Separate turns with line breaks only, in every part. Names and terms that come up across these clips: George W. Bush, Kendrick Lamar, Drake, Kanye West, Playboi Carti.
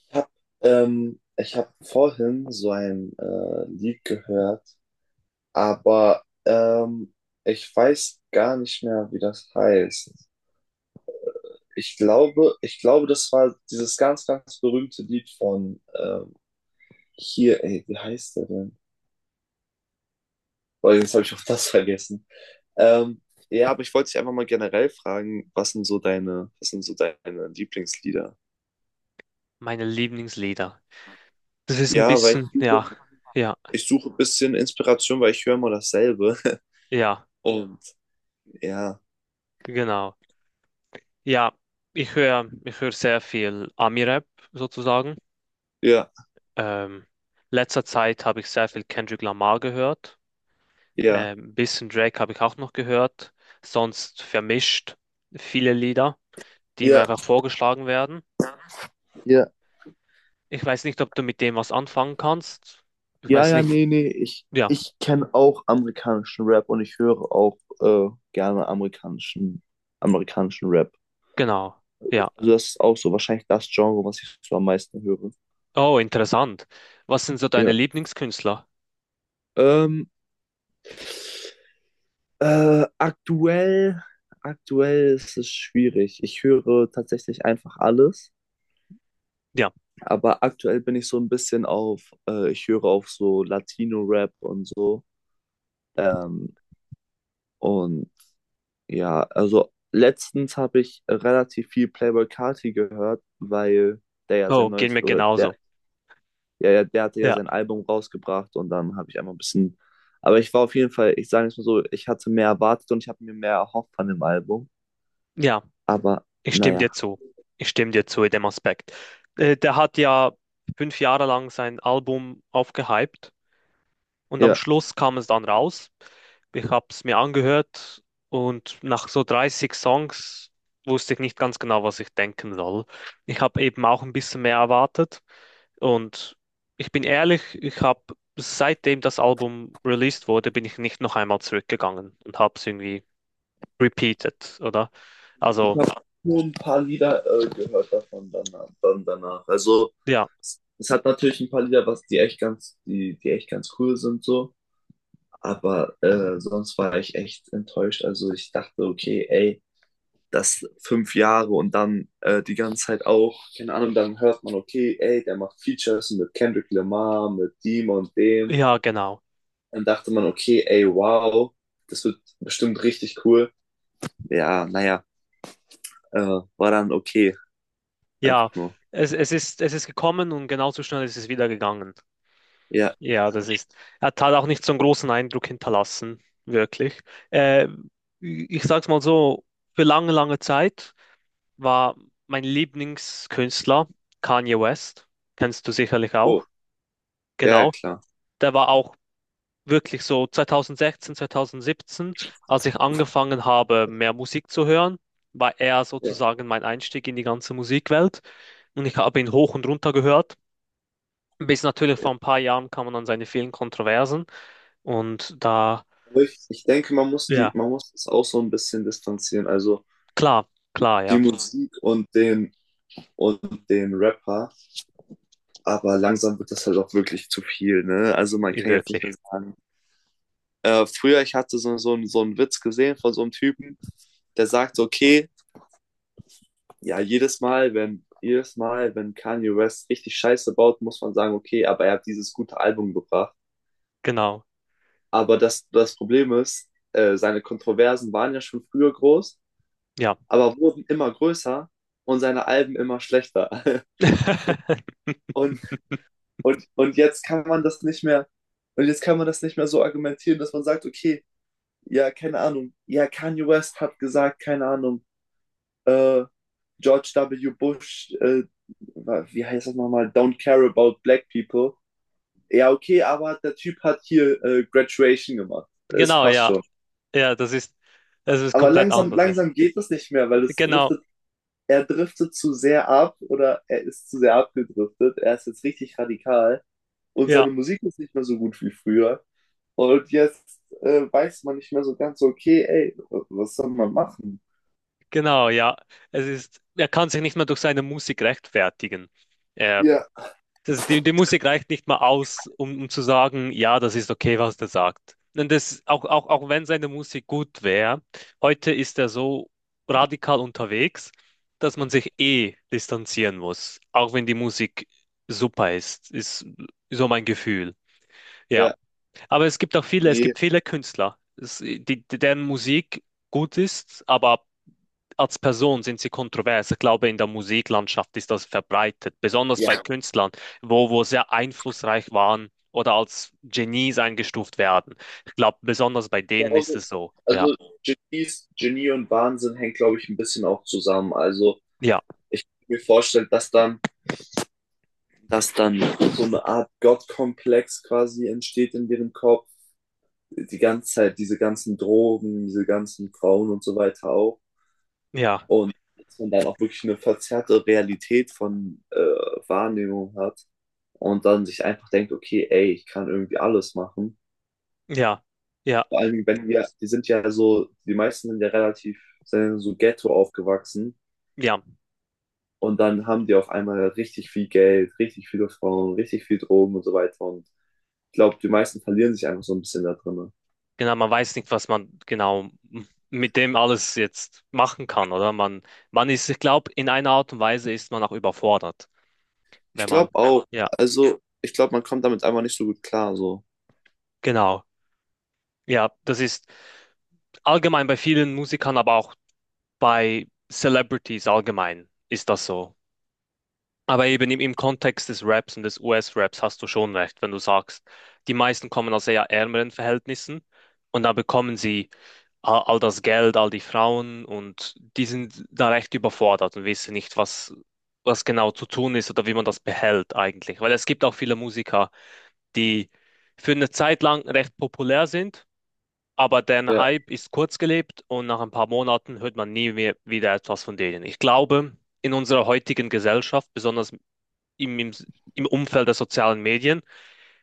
Ich habe Ich hab vorhin so ein Lied gehört, aber ich weiß gar nicht mehr, wie das heißt. Ich glaube, das war dieses ganz, ganz berühmte Lied von hier, ey, wie heißt der denn? Boah, jetzt habe ich auch das vergessen. Ähm, ja, aber ich wollte dich einfach mal generell fragen, was sind so deine Lieblingslieder?
Meine Lieblingslieder. Das ist ein
Ja, weil ich
bisschen,
suche,
ja, ja,
ich suche ein bisschen Inspiration, weil ich höre immer dasselbe.
ja,
Und ja.
genau. Ja, ich höre sehr viel Ami-Rap sozusagen.
Ja,
Ähm, Letzter Zeit habe ich sehr viel Kendrick Lamar gehört.
ja.
Bisschen Drake habe ich auch noch gehört. Sonst vermischt viele Lieder, die mir
Ja,
einfach vorgeschlagen werden.
ja,
Ich weiß nicht, ob du mit dem was anfangen kannst. Ich
ja,
weiß
ja,
nicht.
nee, nee. Ich,
Ja,
ich kenne auch amerikanischen Rap und ich höre auch gerne amerikanischen Rap.
genau. Ja.
Also das ist auch so wahrscheinlich das Genre, was ich so am meisten höre.
Oh, interessant. Was sind so deine
Ja.
Lieblingskünstler?
Ähm, äh, aktuell, aktuell ist es schwierig. Ich höre tatsächlich einfach alles.
Ja.
Aber aktuell bin ich so ein bisschen auf, ich höre auf so Latino-Rap und so. Ähm, und ja, also letztens habe ich relativ viel Playboi Carti gehört, weil der ja sein
Oh, geht
neues,
mir
oder der,
genauso.
ja, ja, der hatte ja
Ja,
sein Album rausgebracht und dann habe ich einfach ein bisschen, aber ich war auf jeden Fall, ich sage es mal so, ich hatte mehr erwartet und ich habe mir mehr erhofft von dem Album,
ja,
aber
ich stimme dir
naja.
zu. Ich stimme dir zu in dem Aspekt. Der hat ja 5 Jahre lang sein Album aufgehypt und am
Ja.
Schluss kam es dann raus. Ich habe es mir angehört und nach so 30 Songs wusste ich nicht ganz genau, was ich denken soll. Ich habe eben auch ein bisschen mehr erwartet, und ich bin ehrlich, ich habe, seitdem das Album released wurde, bin ich nicht noch einmal zurückgegangen und habe es irgendwie repeated, oder?
Ich
Also.
habe nur ein paar Lieder gehört davon danach, dann danach. Also
Ja,
es hat natürlich ein paar Lieder, was die echt ganz, die, die echt ganz cool sind so. Aber sonst war ich echt enttäuscht. Also ich dachte, okay, ey, das 5 Jahre und dann die ganze Zeit auch, keine Ahnung, dann hört man, okay, ey, der macht Features mit Kendrick Lamar, mit dem und dem.
ja, genau.
Dann dachte man, okay, ey, wow, das wird bestimmt richtig cool. Ja, naja, äh, war dann okay,
Ja,
einfach nur.
es ist, es ist gekommen und genauso schnell ist es wieder gegangen.
Ja,
Ja, das ist. Er hat halt auch nicht so einen großen Eindruck hinterlassen, wirklich. Äh, Ich sag's mal so, für lange, lange Zeit war mein Lieblingskünstler Kanye West. Kennst du sicherlich auch.
oh, ja, ja,
Genau.
klar.
Der war auch wirklich so 2016, 2017, als ich angefangen habe, mehr Musik zu hören, war er
Ja,
sozusagen mein Einstieg in die ganze Musikwelt. Und ich habe ihn hoch und runter gehört. Bis natürlich
ja.
vor ein paar Jahren kam man an seine vielen Kontroversen. Und da,
Aber ich denke,
ja,
man muss das auch so ein bisschen distanzieren. Also
klar, klar,
die
ja,
Musik und den und dem Rapper. Aber langsam wird das halt auch wirklich zu viel, ne? Also man kann jetzt nicht
wirklich.
mehr sagen. Früher, ich hatte so einen Witz gesehen von so einem Typen, der sagt, okay, ja, jedes Mal, wenn Kanye West richtig Scheiße baut, muss man sagen, okay, aber er hat dieses gute Album gebracht.
Genau,
Aber das, das Problem ist, seine Kontroversen waren ja schon früher groß,
ja.
aber wurden immer größer und seine Alben immer schlechter. Und und jetzt kann man das nicht mehr, so argumentieren, dass man sagt, okay, ja, keine Ahnung, ja, Kanye West hat gesagt, keine Ahnung, äh, George W. Bush, wie heißt das nochmal, don't care about black people. Ja, okay, aber der Typ hat hier Graduation gemacht. Es
Genau,
passt
ja.
schon.
Ja, das ist, es ist
Aber
komplett
langsam,
anders, ja.
langsam geht das nicht mehr, weil
Genau,
er driftet zu sehr ab oder er ist zu sehr abgedriftet. Er ist jetzt richtig radikal und
ja,
seine Musik ist nicht mehr so gut wie früher. Und jetzt weiß man nicht mehr so ganz, okay, ey, was soll man machen?
genau, ja. Es ist, er kann sich nicht mehr durch seine Musik rechtfertigen. Er,
Ja,
das, die Musik reicht nicht mal aus, um, um zu sagen, ja, das ist okay, was der sagt. Und das, auch, auch, auch wenn seine Musik gut wäre, heute ist er so radikal unterwegs, dass man sich eh distanzieren muss, auch wenn die Musik super ist, ist so mein Gefühl. Ja.
ja,
Aber es gibt auch viele, es
nee.
gibt viele Künstler, es, deren Musik gut ist, aber als Person sind sie kontrovers. Ich glaube, in der Musiklandschaft ist das verbreitet, besonders bei
Ja.
Künstlern, wo sehr einflussreich waren oder als Genies eingestuft werden. Ich glaube, besonders bei denen ist
Also,
es so. Ja,
also, Genie und Wahnsinn hängt, glaube ich, ein bisschen auch zusammen. Also
ja,
ich kann mir vorstellen, dass dann so eine Art Gottkomplex quasi entsteht in deren Kopf. Die ganze Zeit, diese ganzen Drogen, diese ganzen Frauen und so weiter auch.
ja,
Und dass man dann auch wirklich eine verzerrte Realität von Wahrnehmung hat und dann sich einfach denkt, okay, ey, ich kann irgendwie alles machen.
ja, ja,
Vor allem, wenn wir, die sind ja so, die meisten sind ja relativ, sind so Ghetto aufgewachsen
ja.
und dann haben die auf einmal richtig viel Geld, richtig viele Frauen, richtig viel Drogen und so weiter. Und ich glaube, die meisten verlieren sich einfach so ein bisschen da drin.
Genau, man weiß nicht, was man genau mit dem alles jetzt machen kann, oder? Man ist, ich glaube, in einer Art und Weise ist man auch überfordert.
Ich
Wenn man,
glaube auch,
ja,
also ich glaube, man kommt damit einfach nicht so gut klar, so.
genau. Ja, das ist allgemein bei vielen Musikern, aber auch bei Celebrities allgemein ist das so. Aber eben im, im Kontext des Raps und des US-Raps hast du schon recht, wenn du sagst, die meisten kommen aus eher ärmeren Verhältnissen, und da bekommen sie all das Geld, all die Frauen, und die sind da recht überfordert und wissen nicht, was, was genau zu tun ist oder wie man das behält eigentlich. Weil es gibt auch viele Musiker, die für eine Zeit lang recht populär sind. Aber der
Ja.
Hype ist kurzgelebt, und nach ein paar Monaten hört man nie mehr wieder etwas von denen. Ich glaube, in unserer heutigen Gesellschaft, besonders im, im, im Umfeld der sozialen Medien,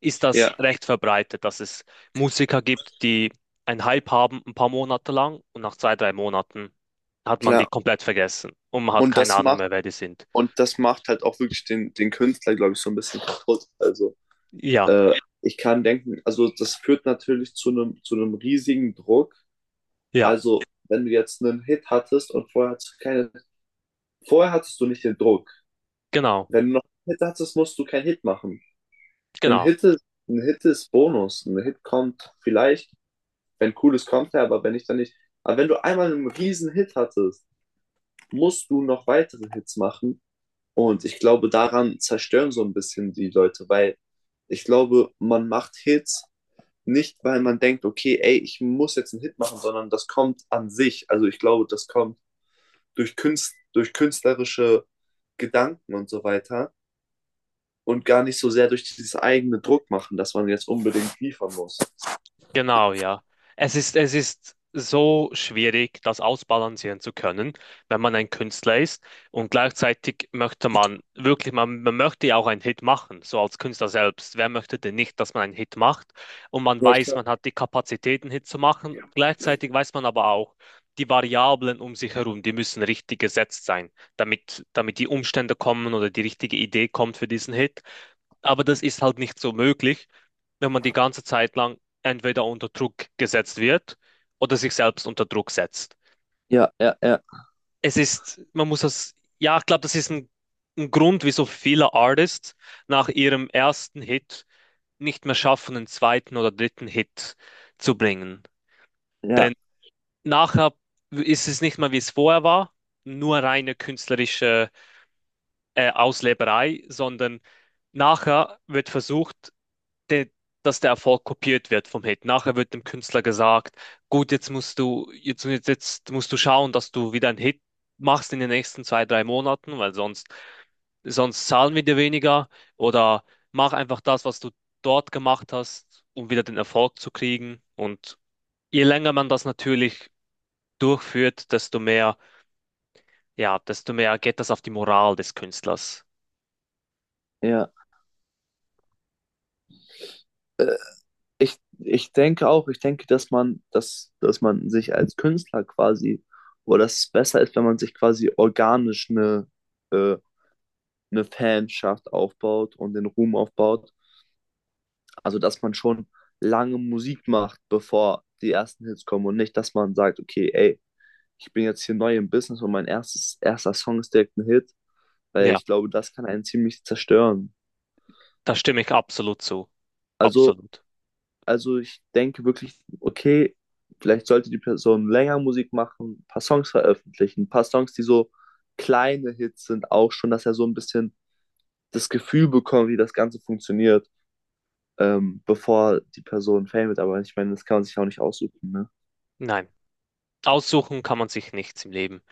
ist das
Ja,
recht verbreitet, dass es Musiker gibt, die einen Hype haben ein paar Monate lang und nach 2, 3 Monaten hat man die
klar.
komplett vergessen und man hat
Und
keine
das
Ahnung
macht
mehr, wer die sind.
Und das macht halt auch wirklich den, den Künstler, glaube ich, so ein bisschen kaputt. Also
Ja,
äh, ich kann denken, also das führt natürlich zu einem riesigen Druck.
ja,
Also wenn du jetzt einen Hit hattest und vorher hattest du nicht den Druck.
genau,
Wenn du noch einen Hit hattest, musst du keinen Hit machen. Ein
genau.
Hit ist, ein Hit ist Bonus. Ein Hit kommt vielleicht, wenn cooles kommt ja aber wenn nicht, dann nicht. Aber wenn du einmal einen riesen Hit hattest, musst du noch weitere Hits machen, und ich glaube, daran zerstören so ein bisschen die Leute, weil ich glaube, man macht Hits nicht, weil man denkt, okay, ey, ich muss jetzt einen Hit machen, sondern das kommt an sich. Also ich glaube, das kommt durch durch künstlerische Gedanken und so weiter und gar nicht so sehr durch dieses eigene Druck machen, dass man jetzt unbedingt liefern muss.
Genau, ja. Es ist so schwierig, das ausbalancieren zu können, wenn man ein Künstler ist. Und gleichzeitig möchte man wirklich, man möchte ja auch einen Hit machen, so als Künstler selbst. Wer möchte denn nicht, dass man einen Hit macht? Und man
Ja,
weiß,
klar.
man hat die Kapazität, einen Hit zu machen. Gleichzeitig weiß man aber auch, die Variablen um sich herum, die müssen richtig gesetzt sein, damit, damit die Umstände kommen oder die richtige Idee kommt für diesen Hit. Aber das ist halt nicht so möglich, wenn man die ganze Zeit lang entweder unter Druck gesetzt wird oder sich selbst unter Druck setzt. Es ist, man muss das, ja, ich glaube, das ist ein Grund, wieso viele Artists nach ihrem ersten Hit nicht mehr schaffen, einen zweiten oder dritten Hit zu bringen.
Ja,
Denn nachher ist es nicht mehr, wie es vorher war, nur reine künstlerische Ausleberei, sondern nachher wird versucht, der, dass der Erfolg kopiert wird vom Hit. Nachher wird dem Künstler gesagt, gut, jetzt musst du, jetzt musst du schauen, dass du wieder einen Hit machst in den nächsten 2, 3 Monaten, weil sonst, sonst zahlen wir dir weniger. Oder mach einfach das, was du dort gemacht hast, um wieder den Erfolg zu kriegen. Und je länger man das natürlich durchführt, desto mehr, ja, desto mehr geht das auf die Moral des Künstlers.
ja. Ich denke auch, ich denke, dass man sich als Künstler quasi, oder dass es besser ist, wenn man sich quasi organisch äh, eine Fanschaft aufbaut und den Ruhm aufbaut. Also, dass man schon lange Musik macht, bevor die ersten Hits kommen und nicht, dass man sagt, okay, ey, ich bin jetzt hier neu im Business und mein erster Song ist direkt ein Hit, weil
Ja,
ich glaube, das kann einen ziemlich zerstören.
da stimme ich absolut zu.
Also,
Absolut.
Also, ich denke wirklich, okay, vielleicht sollte die Person länger Musik machen, ein paar Songs veröffentlichen, ein paar Songs, die so kleine Hits sind, auch schon, dass er so ein bisschen das Gefühl bekommt, wie das Ganze funktioniert, bevor die Person Fame wird. Aber ich meine, das kann man sich auch nicht aussuchen, ne?
Nein. Aussuchen kann man sich nichts im Leben.